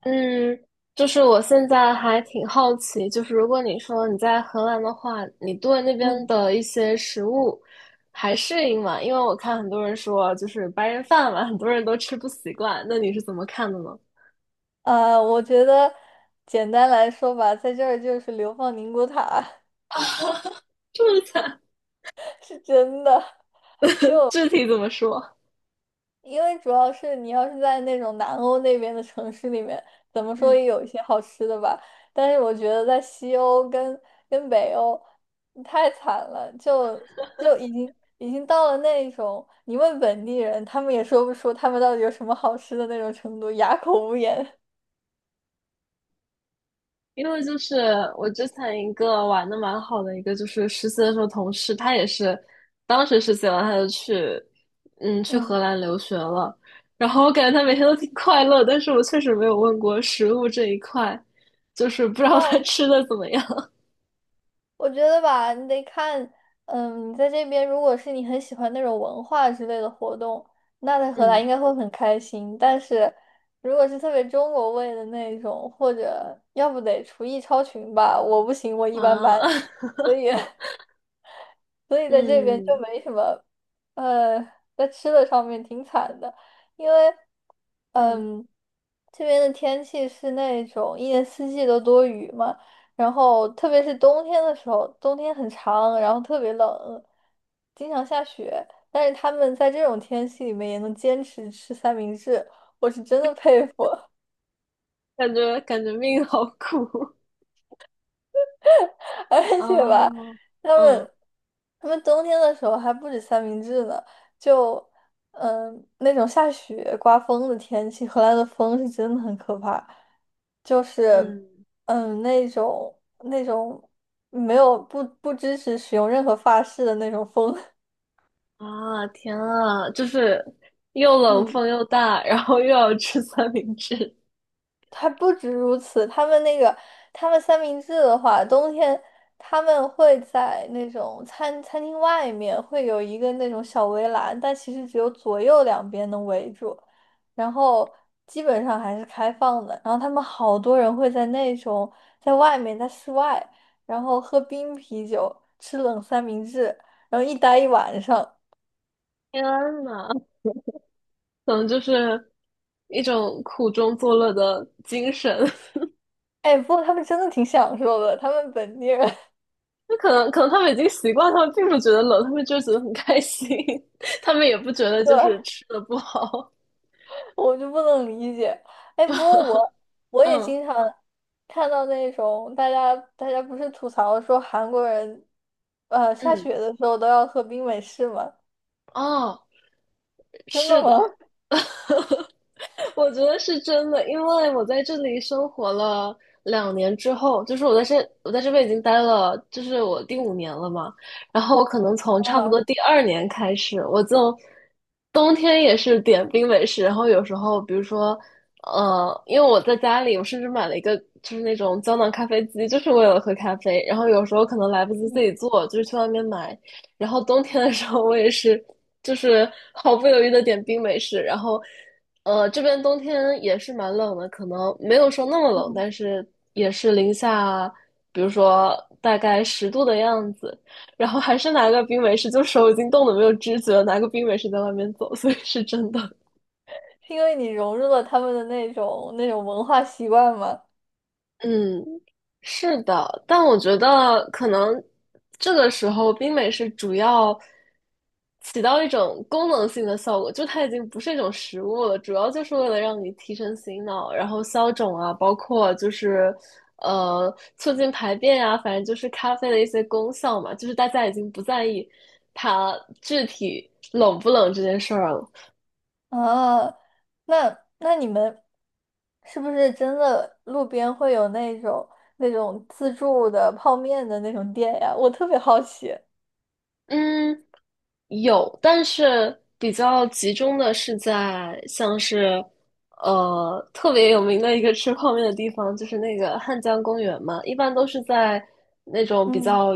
嗯，就是我现在还挺好奇，就是如果你说你在荷兰的话，你对那边嗯，的一些食物还适应吗？因为我看很多人说，就是白人饭嘛，很多人都吃不习惯。那你是怎么看的呢？我觉得简单来说吧，在这儿就是流放宁古塔。 这么惨，是真的，具体怎么说？因为主要是你要是在那种南欧那边的城市里面，怎么说嗯。也有一些好吃的吧。但是我觉得在西欧跟北欧太惨了，就已经到了那种你问本地人，他们也说不出他们到底有什么好吃的那种程度，哑口无言。因为就是我之前一个玩的蛮好的一个，就是实习的时候同事，他也是当时实习完他就去，去荷嗯。兰留学了。然后我感觉他每天都挺快乐，但是我确实没有问过食物这一块，就是不知道他要。吃的怎么样。我觉得吧，你得看，嗯，你在这边，如果是你很喜欢那种文化之类的活动，那在荷兰应嗯该会很开心。但是，如果是特别中国味的那种，或者要不得厨艺超群吧，我不行，我一般般，啊，所 以 所以在这边就嗯没什么，呃，在吃的上面挺惨的，因为，嗯，嗯，这边的天气是那种一年四季都多雨嘛，然后特别是冬天的时候，冬天很长，然后特别冷，经常下雪，但是他们在这种天气里面也能坚持吃三明治，我是真的佩服。感觉命好苦。而 且吧，哦，他嗯们他们冬天的时候还不止三明治呢，就那种下雪刮风的天气，荷兰的风是真的很可怕，就是嗯。嗯那种那种没有不支持使用任何发饰的那种风，啊，天啊，就是又 冷嗯。风又大，然后又要吃三明治，还不止如此，他们三明治的话，冬天他们会在那种餐厅外面会有一个那种小围栏，但其实只有左右两边能围住，然后基本上还是开放的。然后他们好多人会在那种在外面在室外，然后喝冰啤酒，吃冷三明治，然后一待一晚上。天呐，可能就是一种苦中作乐的精神。哎，不过他们真的挺享受的，他们本地人。就可能他们已经习惯，他们并不觉得冷，他们就觉得很开心，他们也不觉得 就是对。吃的不好。我就不能理解。哎，不过我也嗯经常看到那种大家不是吐槽说韩国人，下嗯，雪的时候都要喝冰美式吗？哦，真的是的。吗？我觉得是真的，因为我在这里生活了两年之后，就是我在这边已经待了，就是我第五年了嘛。然后我可能从 差不多啊，第二年开始，我就冬天也是点冰美式，然后有时候比如说，因为我在家里，我甚至买了一个就是那种胶囊咖啡机，就是为了喝咖啡。然后有时候可能来不及自己嗯做，就是去外面买。然后冬天的时候，我也是，就是毫不犹豫的点冰美式。然后，这边冬天也是蛮冷的，可能没有说那么冷，嗯，但是也是零下，比如说大概十度的样子。然后还是拿个冰美式，就手已经冻得没有知觉了，拿个冰美式在外面走，所以是真的。是因为你融入了他们的那种文化习惯吗？嗯，是的，但我觉得可能这个时候冰美式主要起到一种功能性的效果，就它已经不是一种食物了，主要就是为了让你提神醒脑，然后消肿啊，包括就是促进排便啊，反正就是咖啡的一些功效嘛，就是大家已经不在意它具体冷不冷这件事儿了。啊，那你们是不是真的路边会有那种自助的泡面的那种店呀？我特别好奇。嗯，有，但是比较集中的是在像是，特别有名的一个吃泡面的地方，就是那个汉江公园嘛。一般都是在那种比嗯较，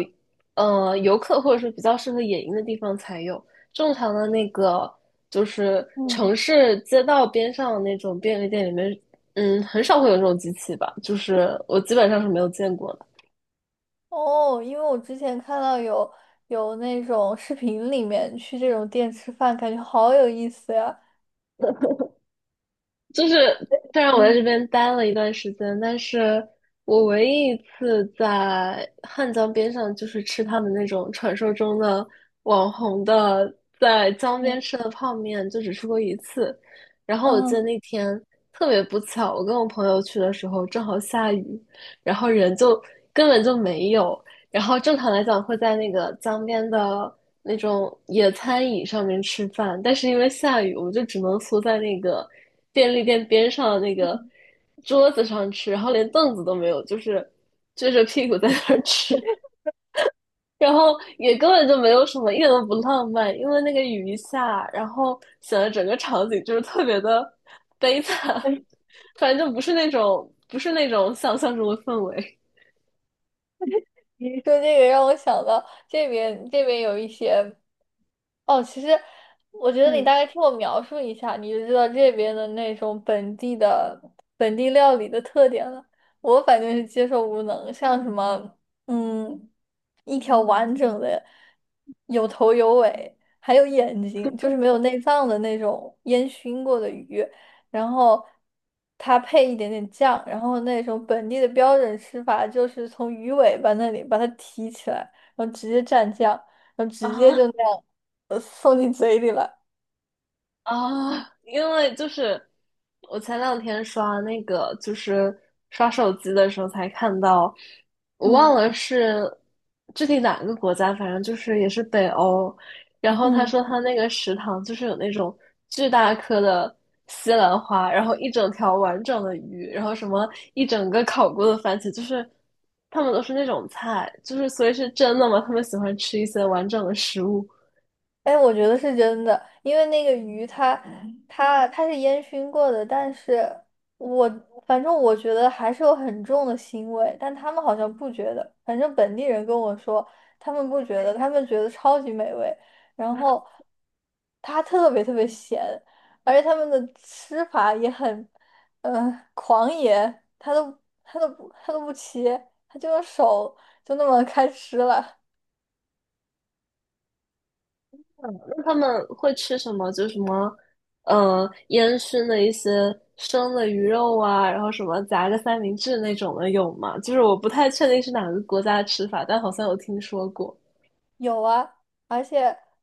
游客或者是比较适合野营的地方才有。正常的那个就是城嗯。市街道边上那种便利店里面，嗯，很少会有这种机器吧。就是我基本上是没有见过的。哦，因为我之前看到有那种视频里面去这种店吃饭，感觉好有意思呀。就是，虽然我在这嗯边待了一段时间，但是我唯一一次在汉江边上，就是吃他们那种传说中的网红的在江嗯边吃的泡面，就只吃过一次。然后我记得嗯，那天特别不巧，我跟我朋友去的时候正好下雨，然后人就根本就没有。然后正常来讲会在那个江边的那种野餐椅上面吃饭，但是因为下雨，我们就只能缩在那个便利店边上的那个嗯桌子上吃，然后连凳子都没有，就是撅着屁股在那儿吃，然后也根本就没有什么，一点都不浪漫，因为那个雨一下，然后显得整个场景就是特别的悲惨，反正就不是那种想象中的氛围，你说这个让我想到这边有一些。哦，其实我觉得你嗯大概听我描述一下，你就知道这边的那种本地料理的特点了。我反正是接受无能，像什么，嗯，一条完整的，有头有尾，还有眼睛，就是没有内脏的那种烟熏过的鱼，然后它配一点点酱，然后那种本地的标准吃法就是从鱼尾巴那里把它提起来，然后直接蘸酱。然后啊。直接 就那样送进嘴里了。啊，因为就是我前两天刷那个，就是刷手机的时候才看到，我嗯忘了是具体哪个国家，反正就是也是北欧。然后他说嗯。他那个食堂就是有那种巨大颗的西兰花，然后一整条完整的鱼，然后什么一整个烤过的番茄，就是他们都是那种菜，就是所以是真的吗？他们喜欢吃一些完整的食物。哎，我觉得是真的，因为那个鱼它是烟熏过的，但是我反正我觉得还是有很重的腥味，但他们好像不觉得，反正本地人跟我说他们不觉得，他们觉得超级美味，然后它特别特别咸，而且他们的吃法也很狂野，他都不切，他就用手就那么开吃了。那他们会吃什么？就什么，烟熏的一些生的鱼肉啊，然后什么夹个三明治那种的有吗？就是我不太确定是哪个国家的吃法，但好像有听说过。有啊，而且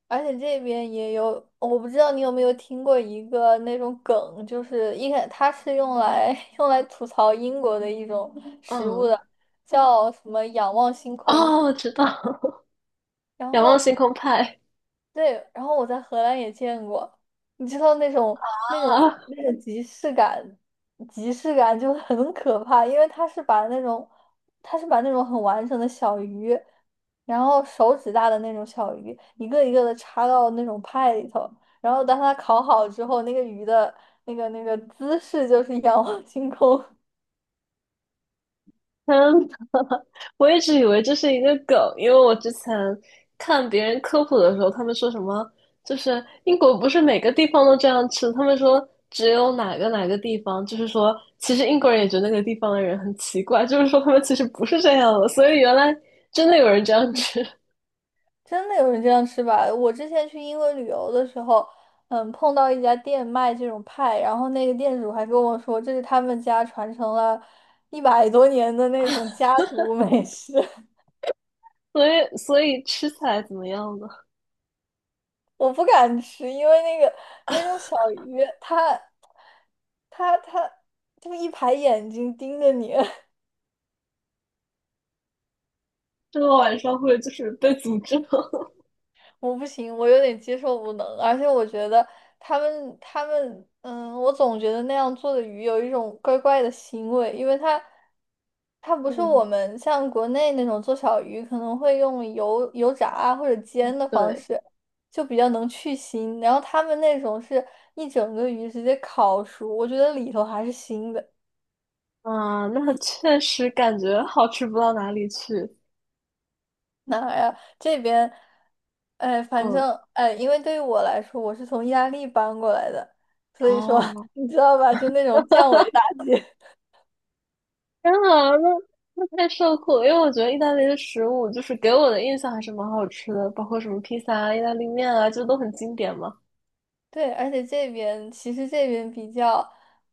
而且这边也有，我不知道你有没有听过一个那种梗，就是一开它是用来 用来吐槽英国的一种食物嗯，的，叫什么仰望星空。哦，我知道，然仰望后星空派对，然后我在荷兰也见过，你知道那种啊，那种即视感，即视感就很可怕，因为他是把那种很完整的小鱼，然后手指大的那种小鱼，一个一个的插到那种派里头，然后当它烤好之后，那个鱼的那个姿势就是仰望星空。嗯。我一直以为这是一个梗，因为我之前看别人科普的时候，他们说什么就是英国不是每个地方都这样吃，他们说只有哪个哪个地方，就是说其实英国人也觉得那个地方的人很奇怪，就是说他们其实不是这样的，所以原来真的有人这样 吃，真的有人这样吃吧？我之前去英国旅游的时候，嗯，碰到一家店卖这种派，然后那个店主还跟我说，这是他们家传承了一百多年的那种家族 美食。所以吃起来怎么样呢？我不敢吃，因为那个那种小鱼，它就一排眼睛盯着你。这个晚上会就是被诅咒。我不行，我有点接受不能，而且我觉得他们，嗯，我总觉得那样做的鱼有一种怪怪的腥味，因为它 不是嗯，我们像国内那种做小鱼可能会用油炸啊或者煎的方对，式，就比较能去腥，然后他们那种是一整个鱼直接烤熟，我觉得里头还是腥的。啊，那确实感觉好吃不到哪里去。哪儿呀？这边，哎，反嗯，正哎，因为对于我来说，我是从意大利搬过来的，所以说 哦。你知道吧，就那种降维打击。天啊，那太受苦了，因为我觉得意大利的食物就是给我的印象还是蛮好吃的，包括什么披萨啊、意大利面啊，就都很经典嘛。对，而且这边其实这边比较，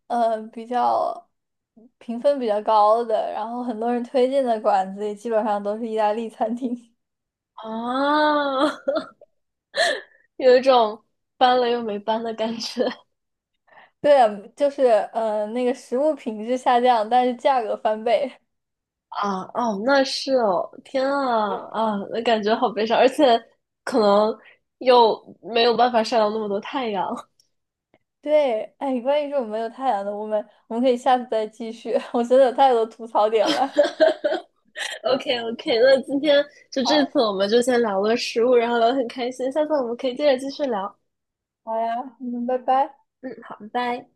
嗯，比较评分比较高的，然后很多人推荐的馆子也基本上都是意大利餐厅。啊，有一种搬了又没搬的感觉对啊就是嗯，那个食物品质下降，但是价格翻倍。啊！哦，那是哦，天啊啊，那感觉好悲伤，而且可能又没有办法晒到那么多太阳。对，哎，关于这种没有太阳的，我们可以下次再继续。我真的有太多吐槽点了。OK OK，那今天就这好，次我们就先聊了食物，然后聊得很开心，下次我们可以接着继续聊。好呀，嗯，拜拜。嗯，好，拜拜。